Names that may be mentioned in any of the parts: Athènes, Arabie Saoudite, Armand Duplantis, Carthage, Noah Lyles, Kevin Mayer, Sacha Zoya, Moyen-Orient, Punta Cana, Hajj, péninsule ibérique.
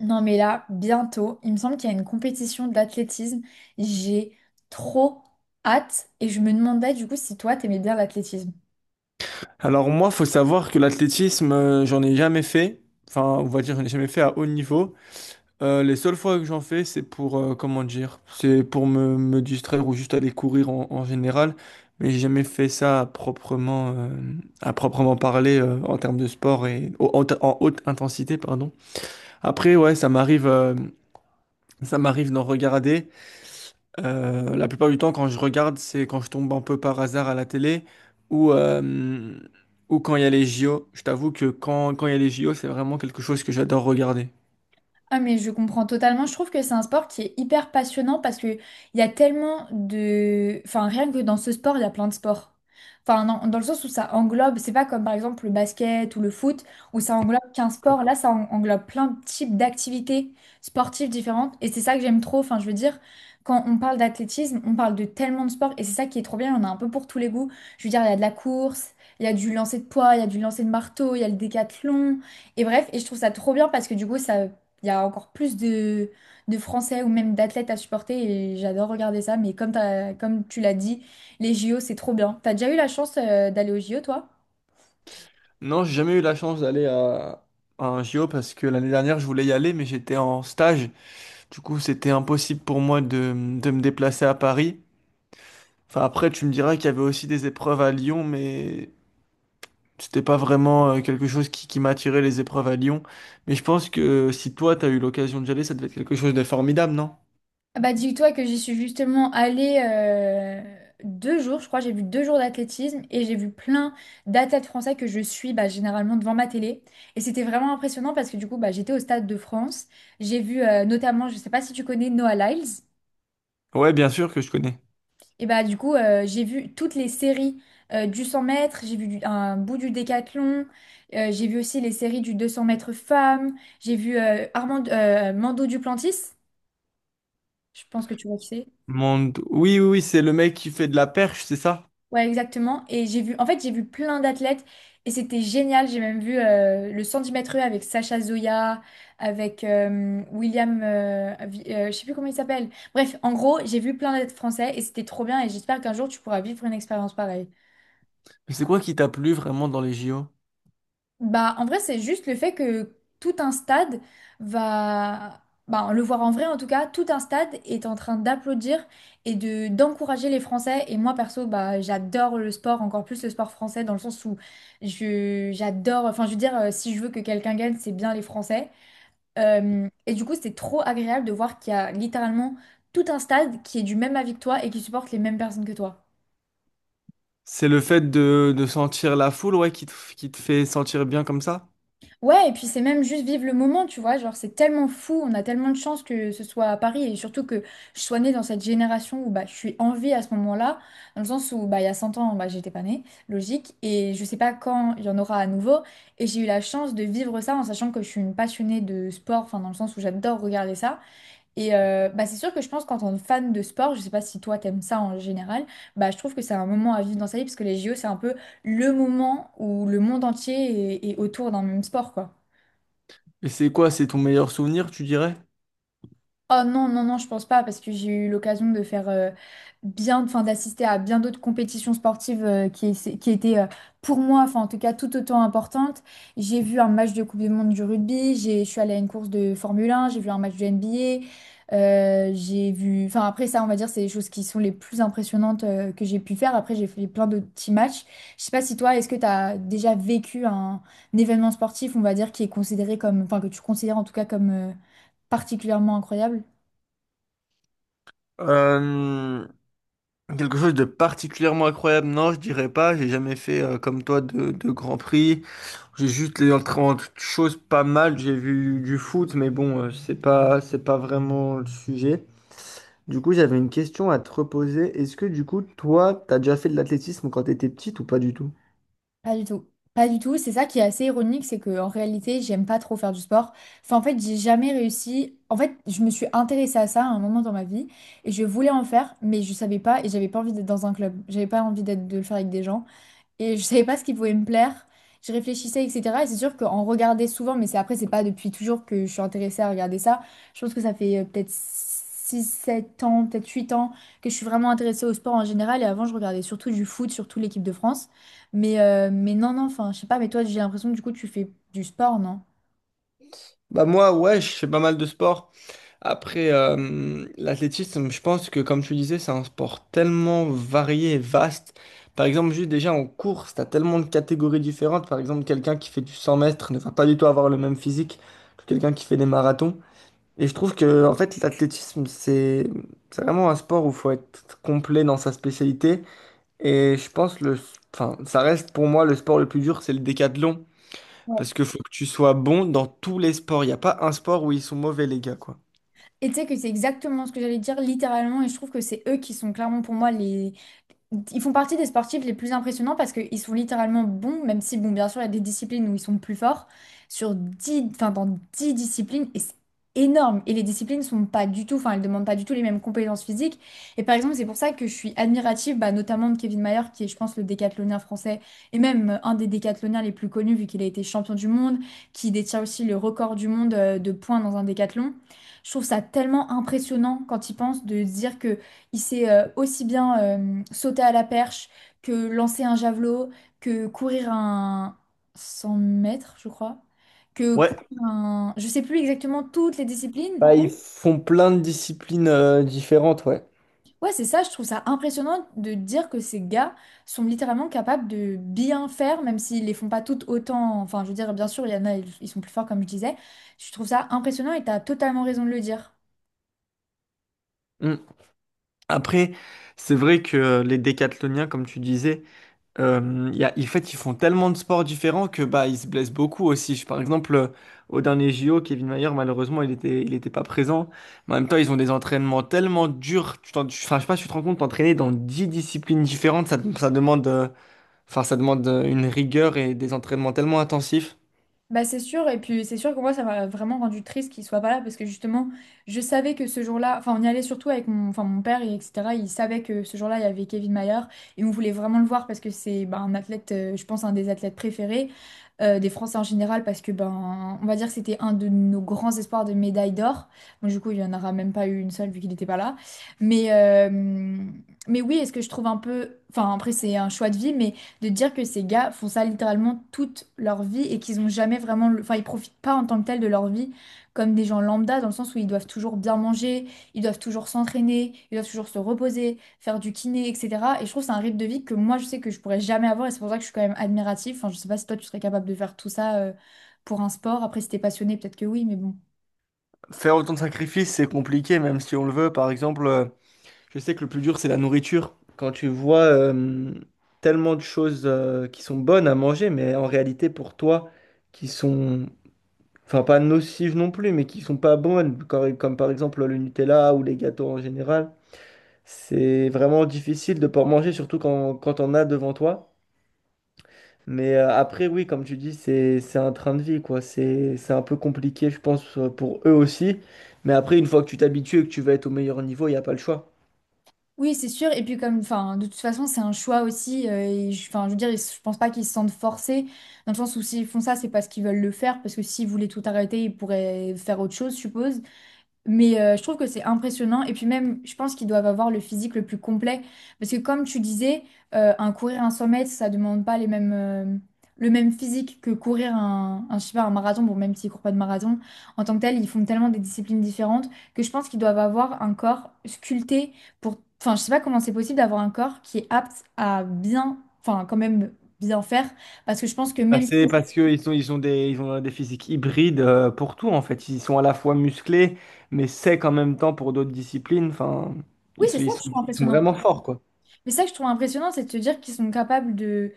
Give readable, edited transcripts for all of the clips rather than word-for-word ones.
Non mais là, bientôt, il me semble qu'il y a une compétition d'athlétisme. J'ai trop hâte et je me demandais du coup si toi t'aimais bien l'athlétisme. Alors moi, faut savoir que l'athlétisme, j'en ai jamais fait. Enfin, on va dire, j'en ai jamais fait à haut niveau. Les seules fois que j'en fais, c'est pour comment dire, c'est pour me distraire ou juste aller courir en général. Mais j'ai jamais fait ça à à proprement parler en termes de sport et en haute intensité, pardon. Après, ouais, ça m'arrive d'en regarder. La plupart du temps, quand je regarde, c'est quand je tombe un peu par hasard à la télé ou, euh, ou quand il y a les JO. Je t'avoue que quand il y a les JO, c'est vraiment quelque chose que j'adore regarder. Ah mais je comprends totalement. Je trouve que c'est un sport qui est hyper passionnant parce que il y a tellement de, enfin rien que dans ce sport, il y a plein de sports. Enfin dans le sens où ça englobe, c'est pas comme par exemple le basket ou le foot où ça englobe qu'un sport. Là, ça englobe plein de types d'activités sportives différentes et c'est ça que j'aime trop. Enfin je veux dire, quand on parle d'athlétisme, on parle de tellement de sports et c'est ça qui est trop bien. Il y en a un peu pour tous les goûts. Je veux dire, il y a de la course, il y a du lancer de poids, il y a du lancer de marteau, il y a le décathlon et bref. Et je trouve ça trop bien parce que du coup ça il y a encore plus de Français ou même d'athlètes à supporter et j'adore regarder ça. Mais comme, comme tu l'as dit, les JO, c'est trop bien. T'as déjà eu la chance d'aller aux JO, toi? Non, j'ai jamais eu la chance d'aller à un JO parce que l'année dernière, je voulais y aller, mais j'étais en stage. Du coup, c'était impossible pour moi de me déplacer à Paris. Enfin, après, tu me diras qu'il y avait aussi des épreuves à Lyon, mais c'était pas vraiment quelque chose qui m'attirait, les épreuves à Lyon. Mais je pense que si toi, t'as eu l'occasion d'y aller, ça devait être quelque chose de formidable, non? Ah, bah dis-toi que j'y suis justement allée 2 jours, je crois, j'ai vu 2 jours d'athlétisme et j'ai vu plein d'athlètes français que je suis, bah, généralement devant ma télé. Et c'était vraiment impressionnant parce que, du coup, bah, j'étais au Stade de France, j'ai vu notamment, je sais pas si tu connais Noah Lyles. Ouais, bien sûr que je connais. Et bah, du coup, j'ai vu toutes les séries du 100 mètres, j'ai vu un bout du décathlon, j'ai vu aussi les séries du 200 mètres femmes, j'ai vu Armand, Mando Duplantis, je pense que tu vois qui c'est. Monde... Oui, oui, oui, c'est le mec qui fait de la perche, c'est ça? Ouais, exactement. Et j'ai vu, en fait, j'ai vu plein d'athlètes et c'était génial. J'ai même vu le 110 mètres haies avec Sacha Zoya, avec William, je sais plus comment il s'appelle. Bref, en gros, j'ai vu plein d'athlètes français et c'était trop bien et j'espère qu'un jour tu pourras vivre une expérience pareille. Mais c'est quoi qui t'a plu vraiment dans les JO? Bah, en vrai, c'est juste le fait que tout un stade va, bah, le voir en vrai en tout cas, tout un stade est en train d'applaudir et de d'encourager les Français. Et moi, perso, bah, j'adore le sport, encore plus le sport français, dans le sens où je j'adore. Enfin, je veux dire, si je veux que quelqu'un gagne, c'est bien les Français. Et du coup, c'est trop agréable de voir qu'il y a littéralement tout un stade qui est du même avis que toi et qui supporte les mêmes personnes que toi. C'est le fait de sentir la foule, ouais, qui qui te fait sentir bien comme ça? Ouais, et puis c'est même juste vivre le moment, tu vois, genre c'est tellement fou, on a tellement de chance que ce soit à Paris et surtout que je sois née dans cette génération où, bah, je suis en vie à ce moment-là, dans le sens où, bah, il y a 100 ans, bah, j'étais pas née, logique, et je sais pas quand il y en aura à nouveau, et j'ai eu la chance de vivre ça en sachant que je suis une passionnée de sport, enfin dans le sens où j'adore regarder ça, et bah, c'est sûr que je pense qu'en tant que fan de sport, je sais pas si toi t'aimes ça en général, bah, je trouve que c'est un moment à vivre dans sa vie parce que les JO c'est un peu le moment où le monde entier est, est autour d'un même sport, quoi. Et c'est quoi? C'est ton meilleur souvenir, tu dirais? Oh non, non, non, je pense pas, parce que j'ai eu l'occasion de faire enfin d'assister à bien d'autres compétitions sportives qui, qui étaient pour moi, enfin en tout cas tout autant importantes. J'ai vu un match de Coupe du Monde du rugby, je suis allée à une course de Formule 1, j'ai vu un match de NBA, j'ai vu, enfin après ça, on va dire, c'est les choses qui sont les plus impressionnantes que j'ai pu faire. Après, j'ai fait plein de petits matchs. Je sais pas si toi, est-ce que tu as déjà vécu un événement sportif, on va dire, qui est considéré comme, enfin que tu considères en tout cas comme particulièrement incroyable? Euh, Quelque chose de particulièrement incroyable, non, je dirais pas. J'ai jamais fait comme toi de Grand Prix. J'ai juste les autres choses pas mal. J'ai vu du foot, mais bon, c'est pas vraiment le sujet. Du coup, j'avais une question à te reposer. Est-ce que du coup, toi, t'as déjà fait de l'athlétisme quand t'étais petite ou pas du tout? Pas du tout. Pas du tout. C'est ça qui est assez ironique, c'est que en réalité, j'aime pas trop faire du sport. Enfin, en fait, j'ai jamais réussi. En fait, je me suis intéressée à ça à un moment dans ma vie et je voulais en faire, mais je savais pas et j'avais pas envie d'être dans un club. J'avais pas envie d'être de le faire avec des gens et je savais pas ce qui pouvait me plaire. Je réfléchissais, etc. Et c'est sûr qu'en regarder souvent, mais c'est après, c'est pas depuis toujours que je suis intéressée à regarder ça. Je pense que ça fait peut-être 6 7 ans, peut-être 8 ans que je suis vraiment intéressée au sport en général. Et avant, je regardais surtout du foot, surtout l'équipe de France. Mais non, non, enfin, je sais pas, mais toi, j'ai l'impression que du coup, tu fais du sport, non? Bah moi, ouais, je fais pas mal de sport. Après, l'athlétisme, je pense que comme tu disais, c'est un sport tellement varié et vaste. Par exemple, juste déjà en course, tu as tellement de catégories différentes. Par exemple, quelqu'un qui fait du 100 mètres ne va pas du tout avoir le même physique que quelqu'un qui fait des marathons. Et je trouve que en fait, l'athlétisme, c'est vraiment un sport où il faut être complet dans sa spécialité. Et enfin, ça reste pour moi le sport le plus dur, c'est le décathlon. Ouais. Parce qu'il faut que tu sois bon dans tous les sports. Il n'y a pas un sport où ils sont mauvais, les gars, quoi. Et tu sais que c'est exactement ce que j'allais dire, littéralement, et je trouve que c'est eux qui sont clairement pour moi les, ils font partie des sportifs les plus impressionnants parce qu'ils sont littéralement bons, même si, bon, bien sûr, il y a des disciplines où ils sont plus forts, sur 10, enfin, dans 10 disciplines, et c'est énorme. Et les disciplines sont pas du tout, enfin, elles demandent pas du tout les mêmes compétences physiques. Et par exemple, c'est pour ça que je suis admirative, bah, notamment de Kevin Mayer, qui est, je pense, le décathlonien français, et même un des décathloniens les plus connus, vu qu'il a été champion du monde, qui détient aussi le record du monde de points dans un décathlon. Je trouve ça tellement impressionnant quand il pense de se dire que il sait aussi bien sauter à la perche que lancer un javelot, que courir un 100 mètres, je crois, que Ouais. courir un... Je sais plus exactement toutes les disciplines. Bah, ils font plein de disciplines différentes, ouais. Ouais, c'est ça, je trouve ça impressionnant de dire que ces gars sont littéralement capables de bien faire, même s'ils les font pas toutes autant. Enfin, je veux dire, bien sûr, il y en a, ils sont plus forts, comme je disais. Je trouve ça impressionnant et tu as totalement raison de le dire. Mm. Après, c'est vrai que les décathloniens, comme tu disais, en fait, ils font tellement de sports différents que bah, ils se blessent beaucoup aussi. Par exemple, au dernier JO, Kevin Mayer, malheureusement, il était pas présent. Mais en même temps, ils ont des entraînements tellement durs. Enfin, je sais pas, si tu te rends compte, t'entraîner dans 10 disciplines différentes, ça demande, enfin, ça demande une rigueur et des entraînements tellement intensifs. Bah c'est sûr, et puis c'est sûr que moi ça m'a vraiment rendu triste qu'il soit pas là parce que justement je savais que ce jour-là, enfin on y allait surtout avec mon père et etc. Il savait que ce jour-là il y avait Kevin Mayer et on voulait vraiment le voir parce que c'est, ben, un athlète, je pense un des athlètes préférés des Français en général parce que, ben, on va dire que c'était un de nos grands espoirs de médaille d'or. Bon, du coup il y en aura même pas eu une seule vu qu'il n'était pas là. Mais, euh, mais oui, est-ce que je trouve un peu, enfin après c'est un choix de vie, mais de dire que ces gars font ça littéralement toute leur vie et qu'ils ont jamais vraiment, enfin ils profitent pas en tant que tel de leur vie comme des gens lambda dans le sens où ils doivent toujours bien manger, ils doivent toujours s'entraîner, ils doivent toujours se reposer, faire du kiné, etc. Et je trouve que c'est un rythme de vie que moi je sais que je pourrais jamais avoir et c'est pour ça que je suis quand même admirative. Enfin je sais pas si toi tu serais capable de faire tout ça pour un sport. Après si t'es passionné peut-être que oui, mais bon. Faire autant de sacrifices, c'est compliqué, même si on le veut. Par exemple, je sais que le plus dur, c'est la nourriture. Quand tu vois tellement de choses qui sont bonnes à manger, mais en réalité pour toi, qui sont, enfin pas nocives non plus, mais qui sont pas bonnes, comme par exemple le Nutella ou les gâteaux en général, c'est vraiment difficile de pas en manger, surtout quand on a devant toi. Mais après, oui, comme tu dis, c'est un train de vie, quoi. C'est un peu compliqué, je pense, pour eux aussi. Mais après, une fois que tu t'habitues et que tu vas être au meilleur niveau, il n'y a pas le choix. Oui, c'est sûr. Et puis comme, enfin, de toute façon, c'est un choix aussi. Enfin, je veux dire, je pense pas qu'ils se sentent forcés, dans le sens où s'ils font ça, c'est parce qu'ils veulent le faire, parce que s'ils voulaient tout arrêter, ils pourraient faire autre chose, je suppose. Je trouve que c'est impressionnant. Et puis même, je pense qu'ils doivent avoir le physique le plus complet. Parce que comme tu disais, un courir un 100 mètres, ça demande pas les mêmes, le même physique que courir je sais pas, un marathon. Bon, même s'ils courent pas de marathon, en tant que tel, ils font tellement des disciplines différentes que je pense qu'ils doivent avoir un corps sculpté pour... Enfin, je sais pas comment c'est possible d'avoir un corps qui est apte à bien, enfin quand même bien faire. Parce que je pense que Bah, même c'est si, parce que ils ont des physiques hybrides pour tout, en fait. Ils sont à la fois musclés, mais secs en même temps pour d'autres disciplines. Enfin, oui, c'est ça que je trouve ils sont impressionnant. vraiment forts, quoi. Mais ça que je trouve impressionnant, c'est de se dire qu'ils sont capables de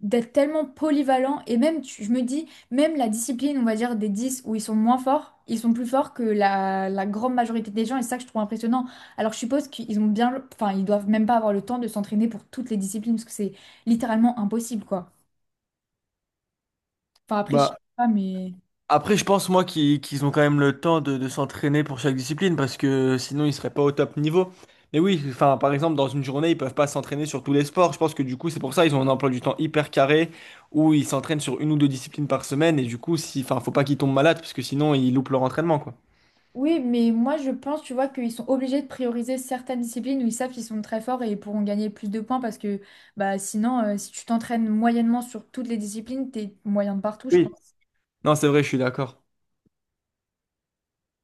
d'être tellement polyvalents. Et même, je me dis, même la discipline, on va dire, des 10 où ils sont moins forts, ils sont plus forts que la grande majorité des gens. Et c'est ça que je trouve impressionnant. Alors je suppose qu'ils ont bien... Enfin, ils doivent même pas avoir le temps de s'entraîner pour toutes les disciplines, parce que c'est littéralement impossible, quoi. Enfin, après, je sais Bah, pas, mais... après, je pense, moi, qu'ils ont quand même le temps de s'entraîner pour chaque discipline parce que sinon, ils seraient pas au top niveau. Mais oui, enfin, par exemple, dans une journée, ils peuvent pas s'entraîner sur tous les sports. Je pense que du coup, c'est pour ça ils ont un emploi du temps hyper carré où ils s'entraînent sur une ou deux disciplines par semaine. Et du coup, si, enfin, faut pas qu'ils tombent malades parce que sinon, ils loupent leur entraînement, quoi. Oui, mais moi je pense, tu vois, qu'ils sont obligés de prioriser certaines disciplines où ils savent qu'ils sont très forts et ils pourront gagner plus de points parce que bah sinon, si tu t'entraînes moyennement sur toutes les disciplines, t'es moyen de partout, je Oui. pense. Non, c'est vrai, je suis d'accord.